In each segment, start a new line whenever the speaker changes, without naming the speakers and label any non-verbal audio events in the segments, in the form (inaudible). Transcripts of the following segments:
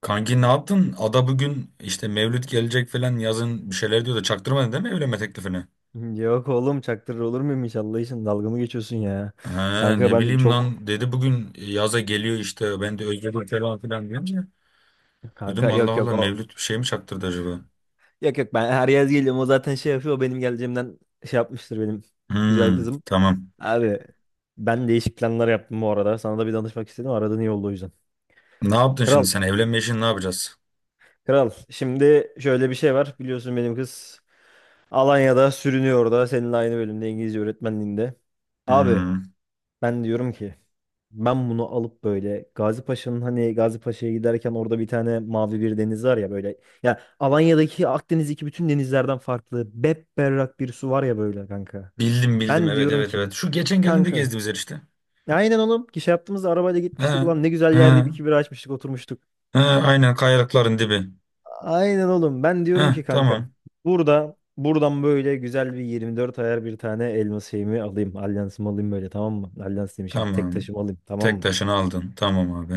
Kanki ne yaptın? Ada bugün işte Mevlüt gelecek falan yazın bir şeyler diyor da çaktırmadın değil mi evlenme teklifini?
(laughs) Yok oğlum, çaktırır olur muyum hiç? Allah için, dalga mı geçiyorsun ya?
Ha,
Kanka
ne
ben
bileyim
çok
lan dedi bugün yaza geliyor işte ben de özledim falan filan diyorum.
kanka
Dedim Allah
yok yok,
Allah
o
Mevlüt bir şey mi çaktırdı acaba?
yok yok, ben her yaz geliyorum, o zaten şey yapıyor. O benim geleceğimden şey yapmıştır, benim güzel
Hmm,
kızım.
tamam.
Abi, ben değişik planlar yaptım bu arada, sana da bir danışmak istedim. Aradın, iyi oldu o yüzden.
Ne yaptın şimdi
Kral
sen evlenme işini ne yapacağız?
kral, şimdi şöyle bir şey var, biliyorsun benim kız Alanya'da sürünüyor, orada seninle aynı bölümde, İngilizce öğretmenliğinde. Abi,
Hmm,
ben diyorum ki ben bunu alıp böyle Gazi Paşa'nın, hani Gazi Paşa'ya giderken orada bir tane mavi bir deniz var ya böyle. Ya Alanya'daki, Akdeniz'deki bütün denizlerden farklı bepberrak bir su var ya böyle kanka.
bildim bildim,
Ben
evet
diyorum
evet evet.
ki
Şu geçen geldiğinde
kanka,
gezdiğimiz yer işte.
ya aynen oğlum, ki şey yaptığımızda arabayla gitmiştik,
Ha,
ulan ne güzel yerde bir
ha,
iki bira açmıştık, oturmuştuk.
ha, aynen, kayalıkların dibi.
Aynen oğlum, ben diyorum ki
Ha,
kankam,
tamam
buradan böyle güzel bir 24 ayar bir tane elma şeyimi alayım, alyansımı alayım böyle, tamam mı? Alyans demişim, tek
tamam.
taşımı alayım, tamam
Tek
mı?
taşını aldın, tamam abi.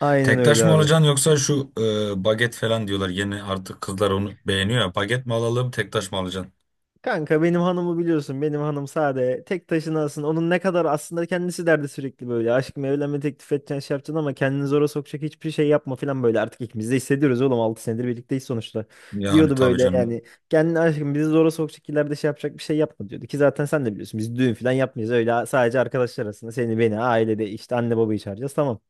Aynen
Tek taş
öyle
mı
abi.
alacaksın yoksa şu baget falan diyorlar. Yeni artık kızlar onu beğeniyor ya. Baget mi alalım, tek taş mı alacaksın?
Kanka, benim hanımı biliyorsun. Benim hanım sade. Tek taşına aslında. Onun ne kadar aslında kendisi derdi sürekli böyle. Aşkım, evlenme teklif edeceksin, şey yapacaksın, ama kendini zora sokacak hiçbir şey yapma falan böyle. Artık ikimiz de hissediyoruz oğlum. 6 senedir birlikteyiz sonuçta.
Yani
Diyordu
tabii
böyle
canım.
yani. Kendini aşkım bizi zora sokacak, ileride şey yapacak bir şey yapma diyordu. Ki zaten sen de biliyorsun, biz düğün falan yapmayız. Öyle sadece arkadaşlar arasında, seni beni, ailede işte anne babayı çağıracağız, tamam.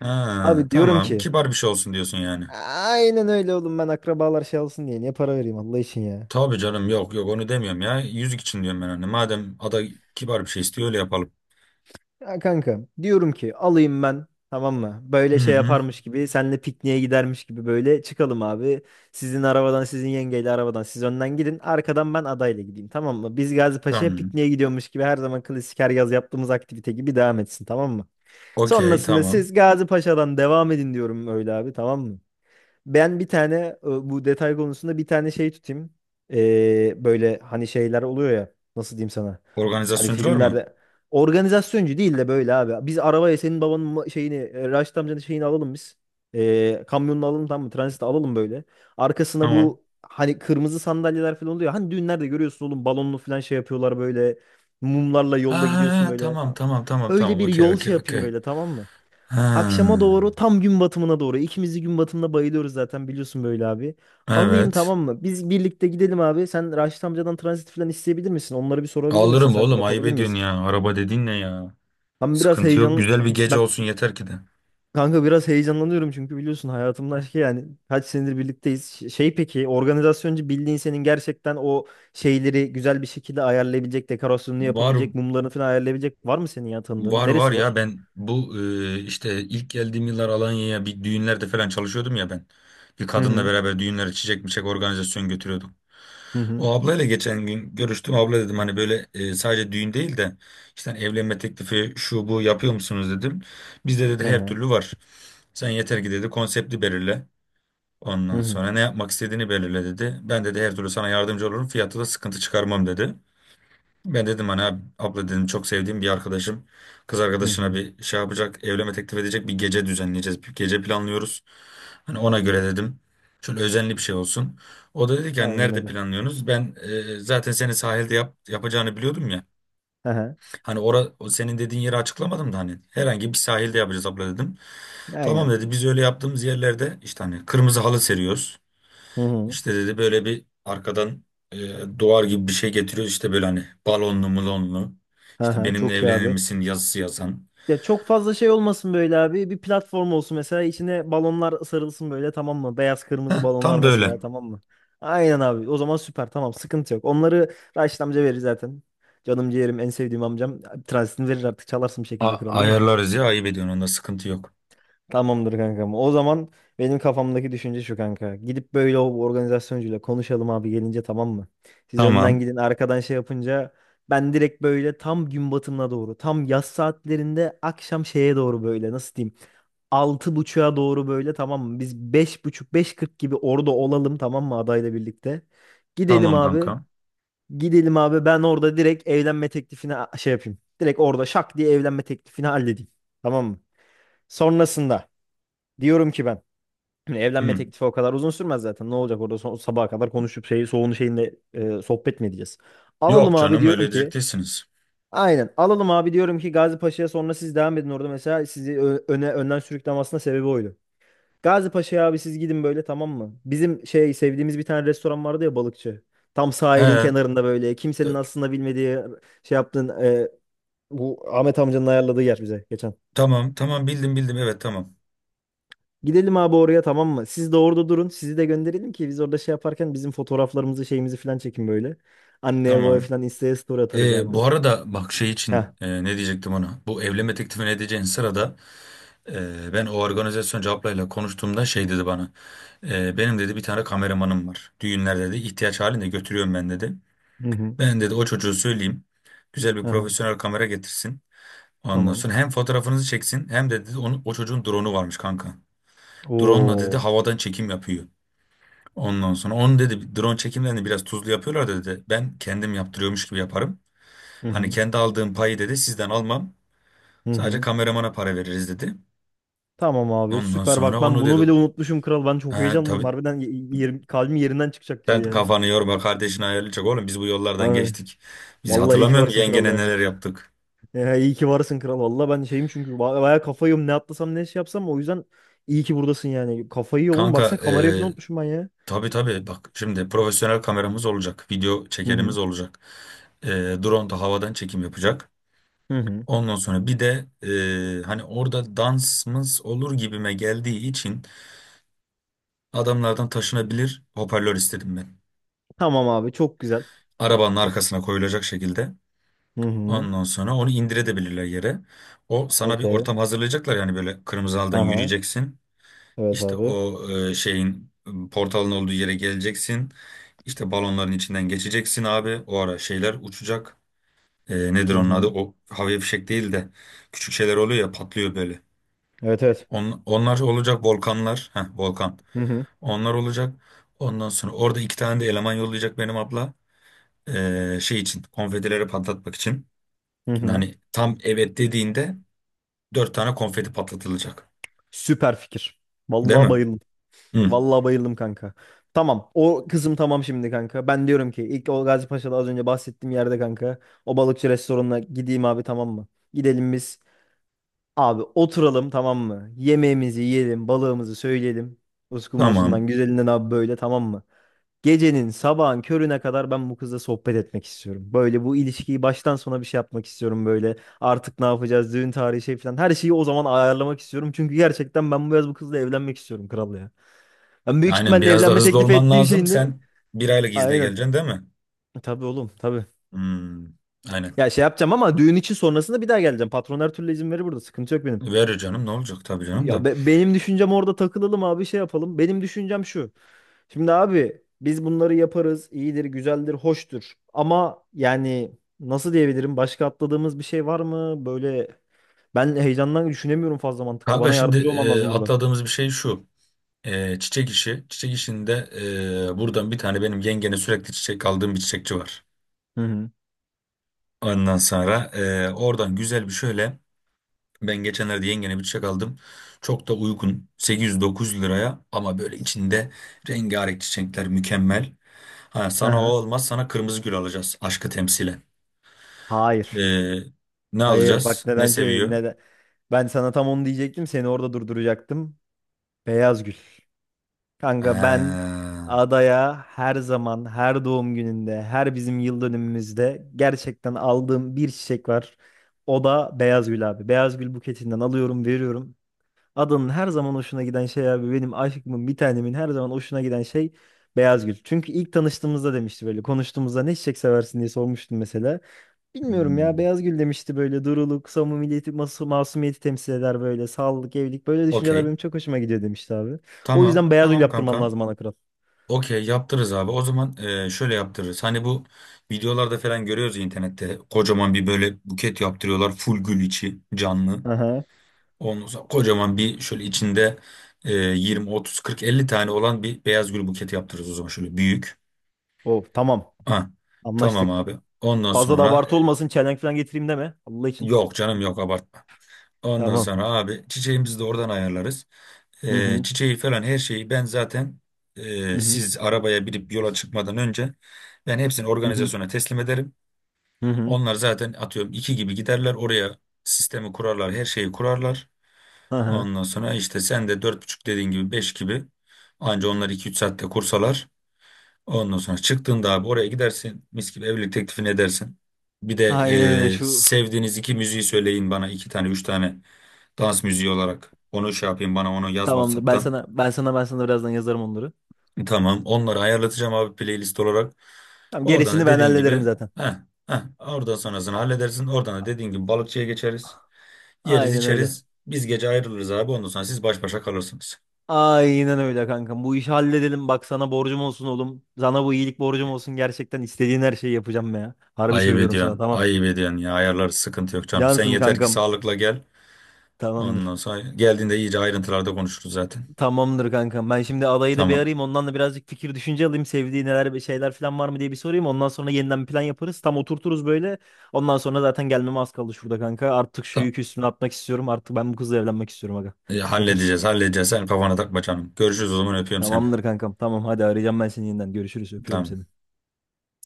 Ha,
Abi, diyorum
tamam.
ki,
Kibar bir şey olsun diyorsun yani.
aynen öyle oğlum, ben akrabalar şey alsın diye niye para vereyim Allah için ya.
Tabii canım, yok yok, onu demiyorum ya. Yüzük için diyorum ben hani. Madem ada kibar bir şey istiyor öyle yapalım.
Ya kanka, diyorum ki alayım ben, tamam mı?
Hı
Böyle şey
hı.
yaparmış gibi, senle pikniğe gidermiş gibi böyle çıkalım abi. Sizin arabadan, sizin yengeyle arabadan siz önden gidin, arkadan ben adayla gideyim, tamam mı? Biz Gazipaşa'ya
Tamam.
pikniğe gidiyormuş gibi, her zaman klasik her yaz yaptığımız aktivite gibi devam etsin, tamam mı?
Okey,
Sonrasında
tamam.
siz Gazipaşa'dan devam edin diyorum, öyle abi, tamam mı? Ben bir tane, bu detay konusunda bir tane şey tutayım. Böyle hani şeyler oluyor ya. Nasıl diyeyim sana? Hani
Organizasyoncular mı?
filmlerde, organizasyoncu değil de böyle abi. Biz arabaya senin babanın şeyini, Raşit amcanın şeyini alalım biz. Kamyonunu alalım, tamam mı? Transit alalım böyle. Arkasına
Tamam.
bu hani kırmızı sandalyeler falan oluyor. Hani düğünlerde görüyorsun oğlum, balonlu falan şey yapıyorlar böyle. Mumlarla
Ha
yolda
ha,
gidiyorsun
ha,
böyle.
tamam
Tamam.
tamam tamam
Öyle
tamam.
bir
Okey
yol
okey
şey
okey.
yapayım böyle, tamam mı? Akşama doğru,
Ha.
tam gün batımına doğru. İkimiz de gün batımına bayılıyoruz zaten, biliyorsun böyle abi. Alayım,
Evet.
tamam mı? Biz birlikte gidelim abi. Sen Raşit amcadan transit falan isteyebilir misin? Onları bir sorabilir misin?
Alırım
Sen
oğlum, ayıp
yapabilir
ediyorsun
miyiz?
ya. Araba dediğin ne ya?
Ben biraz
Sıkıntı yok.
heyecan...
Güzel bir gece
Ben
olsun yeter ki de.
kanka biraz heyecanlanıyorum, çünkü biliyorsun hayatımın aşkı yani. Kaç senedir birlikteyiz. Şey, peki organizasyoncu bildiğin senin gerçekten o şeyleri güzel bir şekilde ayarlayabilecek, dekorasyonunu
Var
yapabilecek, mumlarını falan ayarlayabilecek var mı senin ya tanıdığın?
var var
Neresi
ya,
var?
ben bu işte ilk geldiğim yıllar Alanya'ya bir düğünlerde falan çalışıyordum ya ben. Bir
Hı
kadınla
hı.
beraber düğünlere çiçek miçek organizasyon götürüyorduk.
Hı hı.
O ablayla geçen gün görüştüm. Abla dedim hani böyle sadece düğün değil de işte hani evlenme teklifi şu bu yapıyor musunuz dedim. Bizde dedi
Hı
her
hı.
türlü var. Sen yeter ki dedi konsepti belirle.
Hı
Ondan
hı.
sonra ne yapmak istediğini belirle dedi. Ben dedi her türlü sana yardımcı olurum. Fiyatı da sıkıntı çıkarmam dedi. Ben dedim hani abla dedim, çok sevdiğim bir arkadaşım kız
Hı
arkadaşına
hı.
bir şey yapacak, evlenme teklif edecek, bir gece düzenleyeceğiz, bir gece planlıyoruz. Hani ona göre dedim, şöyle özenli bir şey olsun. O da dedi ki hani
Aynen
nerede
öyle.
planlıyorsunuz? Ben zaten seni sahilde yapacağını biliyordum ya. Hani o senin dediğin yeri açıklamadım da hani herhangi bir sahilde yapacağız abla dedim. Tamam
Aynen.
dedi, biz öyle yaptığımız yerlerde işte hani kırmızı halı seriyoruz.
Hı hı.
İşte dedi böyle bir arkadan duvar gibi bir şey getiriyor işte böyle hani balonlu mulonlu, işte
Aha,
benimle
çok iyi
evlenir
abi.
misin yazısı yazan.
Ya çok fazla şey olmasın böyle abi. Bir platform olsun mesela, içine balonlar sarılsın böyle, tamam mı? Beyaz kırmızı balonlar
Tam böyle.
mesela, tamam mı? Aynen abi. O zaman süper, tamam, sıkıntı yok. Onları Raşit amca verir zaten. Canım ciğerim, en sevdiğim amcam. Transitini verir artık, çalarsın bir şekilde, kral değil mi?
Ayarlarız ya, ayıp ediyorsun, onda sıkıntı yok.
Tamamdır kankam. O zaman benim kafamdaki düşünce şu kanka. Gidip böyle o organizasyoncuyla konuşalım abi gelince, tamam mı? Siz önden
Tamam
gidin, arkadan şey yapınca ben direkt böyle tam gün batımına doğru, tam yaz saatlerinde akşam şeye doğru böyle, nasıl diyeyim? 6.30'a doğru böyle, tamam mı? Biz beş buçuk, beş kırk gibi orada olalım, tamam mı, adayla birlikte. Gidelim
tamam
abi.
kanka.
Gidelim abi, ben orada direkt evlenme teklifini şey yapayım. Direkt orada şak diye evlenme teklifini halledeyim. Tamam mı? Sonrasında diyorum ki ben. (clears throat) Şimdi evlenme
Hı.
teklifi o kadar uzun sürmez zaten. Ne olacak orada, son, sabaha kadar konuşup şey, soğunu şeyinle sohbet mi edeceğiz? Alalım
Yok
abi
canım, öyle
diyorum ki.
diyecek değilsiniz.
Aynen alalım abi, diyorum ki Gazi Paşa'ya, sonra siz devam edin orada mesela, sizi ö- öne önden sürüklemesine sebebi oydu. Gazi Paşa'ya abi siz gidin böyle, tamam mı? Bizim şey sevdiğimiz bir tane restoran vardı ya, balıkçı. Tam sahilin
He,
kenarında böyle, kimsenin
t-
aslında bilmediği şey yaptığın, bu Ahmet amcanın ayarladığı yer, bize geçen.
tamam tamam, bildim bildim, evet tamam
Gidelim abi oraya, tamam mı? Siz de orada durun. Sizi de gönderelim ki biz orada şey yaparken bizim fotoğraflarımızı, şeyimizi falan çekin böyle. Anneye babaya
tamam.
falan Insta'ya story atarız
E,
abi.
bu arada bak, şey
Heh.
için ne diyecektim ona, bu evlenme teklifi ne diyeceğin sırada. Ben o organizasyon ablayla konuştuğumda şey dedi bana. "Benim dedi bir tane kameramanım var. Düğünler dedi ihtiyaç halinde götürüyorum ben dedi.
Hı hı.
Ben dedi o çocuğu söyleyeyim. Güzel bir
Hı hı.
profesyonel kamera getirsin. Ondan
Tamam.
sonra hem fotoğrafınızı çeksin hem de dedi o çocuğun drone'u varmış kanka. Drone'la dedi
Oo.
havadan çekim yapıyor. Ondan sonra onu dedi, drone çekimlerini biraz tuzlu yapıyorlar dedi. Ben kendim yaptırıyormuş gibi yaparım.
Hı
Hani
hı.
kendi aldığım payı dedi sizden almam.
Hı
Sadece
hı.
kameramana para veririz dedi.
Tamam abi,
Ondan
süper, bak
sonra
ben
onu dedi.
bunu bile unutmuşum kral. Ben
He,
çok heyecanlıyım.
tabii.
Harbiden, yerim, kalbim yerinden çıkacak
Sen
gibi ya.
kafanı yorma, kardeşin ayarlayacak oğlum, biz bu yollardan
Ay,
geçtik. Biz,
vallahi iyi ki
hatırlamıyor musun
varsın kral
yengene
ya.
neler yaptık?
Ya iyi ki varsın kral. Vallahi ben şeyim, çünkü bayağı kafayı yiyorum. Ne atlasam, ne şey yapsam, o yüzden iyi ki buradasın yani. Kafayı yiyor oğlum,
Kanka
baksana kamerayı falan unutmuşum ben ya.
tabii tabii, bak şimdi profesyonel kameramız olacak. Video
Hı hı.
çekerimiz olacak. E, drone da havadan çekim yapacak.
Hı hı.
Ondan sonra bir de hani orada dansımız olur gibime geldiği için adamlardan taşınabilir hoparlör istedim ben.
Tamam abi, çok güzel.
Arabanın arkasına koyulacak şekilde.
Hı hı.
Ondan sonra onu indirebilirler yere. O sana bir
Okey.
ortam hazırlayacaklar yani, böyle kırmızı halıdan
Ha,
yürüyeceksin.
evet
İşte
abi.
o şeyin portalın olduğu yere geleceksin. İşte balonların içinden geçeceksin abi. O ara şeyler uçacak. Nedir
Hı
onun adı?
hı.
O havai fişek değil de küçük şeyler oluyor ya, patlıyor böyle.
Evet evet.
Onlar olacak, volkanlar. Heh, volkan.
Hı hı.
Onlar olacak. Ondan sonra orada iki tane de eleman yollayacak benim abla. Şey için, konfetileri patlatmak için.
Hı
Şimdi
hı.
hani tam evet dediğinde dört tane konfeti patlatılacak.
Süper fikir.
Değil
Vallahi
mi?
bayıldım.
Hı,
Vallahi bayıldım kanka. Tamam. O kızım, tamam şimdi kanka. Ben diyorum ki ilk o Gazi Paşa'da az önce bahsettiğim yerde kanka. O balıkçı restoranına gideyim abi, tamam mı? Gidelim biz. Abi oturalım, tamam mı? Yemeğimizi yiyelim. Balığımızı söyleyelim.
tamam.
Uskumrusundan, güzelinden abi böyle, tamam mı? Gecenin sabahın körüne kadar ben bu kızla sohbet etmek istiyorum. Böyle bu ilişkiyi baştan sona bir şey yapmak istiyorum böyle. Artık ne yapacağız, düğün tarihi şey falan. Her şeyi o zaman ayarlamak istiyorum. Çünkü gerçekten ben bu yaz bu kızla evlenmek istiyorum kral ya. Ben büyük
Aynen,
ihtimalle
biraz da
evlenme
hızlı
teklifi
olman
ettiğim
lazım.
şeyin de
Sen bir aylık izne
aynen.
geleceksin değil mi?
Tabii oğlum, tabii.
Hmm, aynen.
Ya şey yapacağım ama düğün için sonrasında bir daha geleceğim. Patron her türlü izin verir burada. Sıkıntı yok benim.
Verir canım, ne olacak tabii canım
Ya
da.
benim düşüncem orada takılalım abi, şey yapalım. Benim düşüncem şu. Şimdi abi biz bunları yaparız. İyidir, güzeldir, hoştur. Ama yani nasıl diyebilirim? Başka atladığımız bir şey var mı? Böyle ben heyecandan düşünemiyorum fazla mantıklı.
Kanka
Bana
şimdi
yardımcı olman lazım burada.
atladığımız bir şey şu. Çiçek işi. Çiçek işinde buradan bir tane, benim yengene sürekli çiçek aldığım bir çiçekçi var.
Hı hı.
Ondan sonra oradan güzel bir şöyle. Ben geçenlerde yengene bir çiçek aldım. Çok da uygun, 800-900 liraya, ama böyle içinde rengarenk çiçekler, mükemmel. Ha,
Hı
sana o
hı.
olmaz, sana kırmızı gül alacağız, aşkı temsilen.
Hayır.
Ee, ne
Hayır.
alacağız?
Bak
Ne
nedense,
seviyor?
neden. Ben sana tam onu diyecektim. Seni orada durduracaktım. Beyaz gül. Kanka ben
Ha,
adaya her zaman, her doğum gününde, her bizim yıl dönümümüzde gerçekten aldığım bir çiçek var. O da beyaz gül abi. Beyaz gül buketinden alıyorum, veriyorum. Adanın her zaman hoşuna giden şey abi, benim aşkımın, bir tanemin her zaman hoşuna giden şey beyaz gül. Çünkü ilk tanıştığımızda demişti, böyle konuştuğumuzda ne çiçek seversin diye sormuştum mesela. Bilmiyorum ya,
hmm,
beyaz gül demişti böyle, duruluk, samimiyeti, masumiyeti temsil eder, böyle sağlık, evlilik böyle düşünceler
okey.
benim çok hoşuma gidiyor demişti abi. O
Tamam.
yüzden beyaz gül
Tamam
yaptırman
kanka.
lazım ana kral.
Okey, yaptırırız abi. O zaman şöyle yaptırırız. Hani bu videolarda falan görüyoruz ya internette. Kocaman bir böyle buket yaptırıyorlar, full gül, içi canlı.
Aha.
Ondan sonra kocaman bir şöyle içinde 20, 30, 40, 50 tane olan bir beyaz gül buketi yaptırırız o zaman. Şöyle büyük.
Oh tamam,
Ha, tamam
anlaştık.
abi. Ondan
Fazla da
sonra
abartı olmasın, çelenk falan getireyim deme Allah için.
yok canım, yok abartma. Ondan
Tamam.
sonra abi çiçeğimizi de oradan ayarlarız.
Hı
Ee,
hı.
çiçeği falan her şeyi ben zaten
Hı hı.
siz arabaya binip yola çıkmadan önce ben hepsini
Hı hı.
organizasyona teslim ederim.
Hı hı. Hı hı.
Onlar zaten atıyorum iki gibi giderler oraya, sistemi kurarlar, her şeyi kurarlar.
Aha.
Ondan sonra işte sen de dört buçuk dediğin gibi beş gibi, anca onlar iki üç saatte kursalar. Ondan sonra çıktığında abi oraya gidersin, mis gibi evlilik teklifini edersin. Bir de
Aynen öyle şu
sevdiğiniz iki müziği söyleyin bana, iki tane üç tane dans müziği olarak onu şey yapayım, bana onu yaz
tamamdır. Ben
WhatsApp'tan.
sana ben sana ben sana birazdan yazarım onları.
Tamam. Onları ayarlatacağım abi, playlist olarak.
Tamam,
Oradan da
gerisini ben
dediğin
hallederim
gibi
zaten.
heh, oradan sonrasını halledersin. Oradan da dediğin gibi balıkçıya geçeriz. Yeriz
Aynen öyle.
içeriz. Biz gece ayrılırız abi. Ondan sonra siz baş başa kalırsınız.
Aynen öyle kankam. Bu işi halledelim. Bak sana borcum olsun oğlum. Sana bu iyilik borcum olsun. Gerçekten istediğin her şeyi yapacağım ya. Harbi
Ayıp
söylüyorum sana,
ediyorsun.
tamam.
Ayıp ediyorsun ya. Ayarlar, sıkıntı yok canım. Sen
Cansım
yeter ki
kankam.
sağlıkla gel.
Tamamdır.
Ondan sonra geldiğinde iyice ayrıntılarda konuşuruz zaten.
Tamamdır kankam. Ben şimdi adayı da bir
Tamam.
arayayım. Ondan da birazcık fikir, düşünce alayım. Sevdiği neler, bir şeyler falan var mı diye bir sorayım. Ondan sonra yeniden bir plan yaparız. Tam oturturuz böyle. Ondan sonra zaten gelmeme az kaldı şurada kanka. Artık şu
Tamam.
yükü üstüne atmak istiyorum. Artık ben bu kızla evlenmek istiyorum aga.
E,
Yeter.
halledeceğiz halledeceğiz. Sen kafana takma canım. Görüşürüz o zaman, öpüyorum seni.
Tamamdır kankam. Tamam, hadi arayacağım ben seni yeniden. Görüşürüz. Öpüyorum
Tamam.
seni.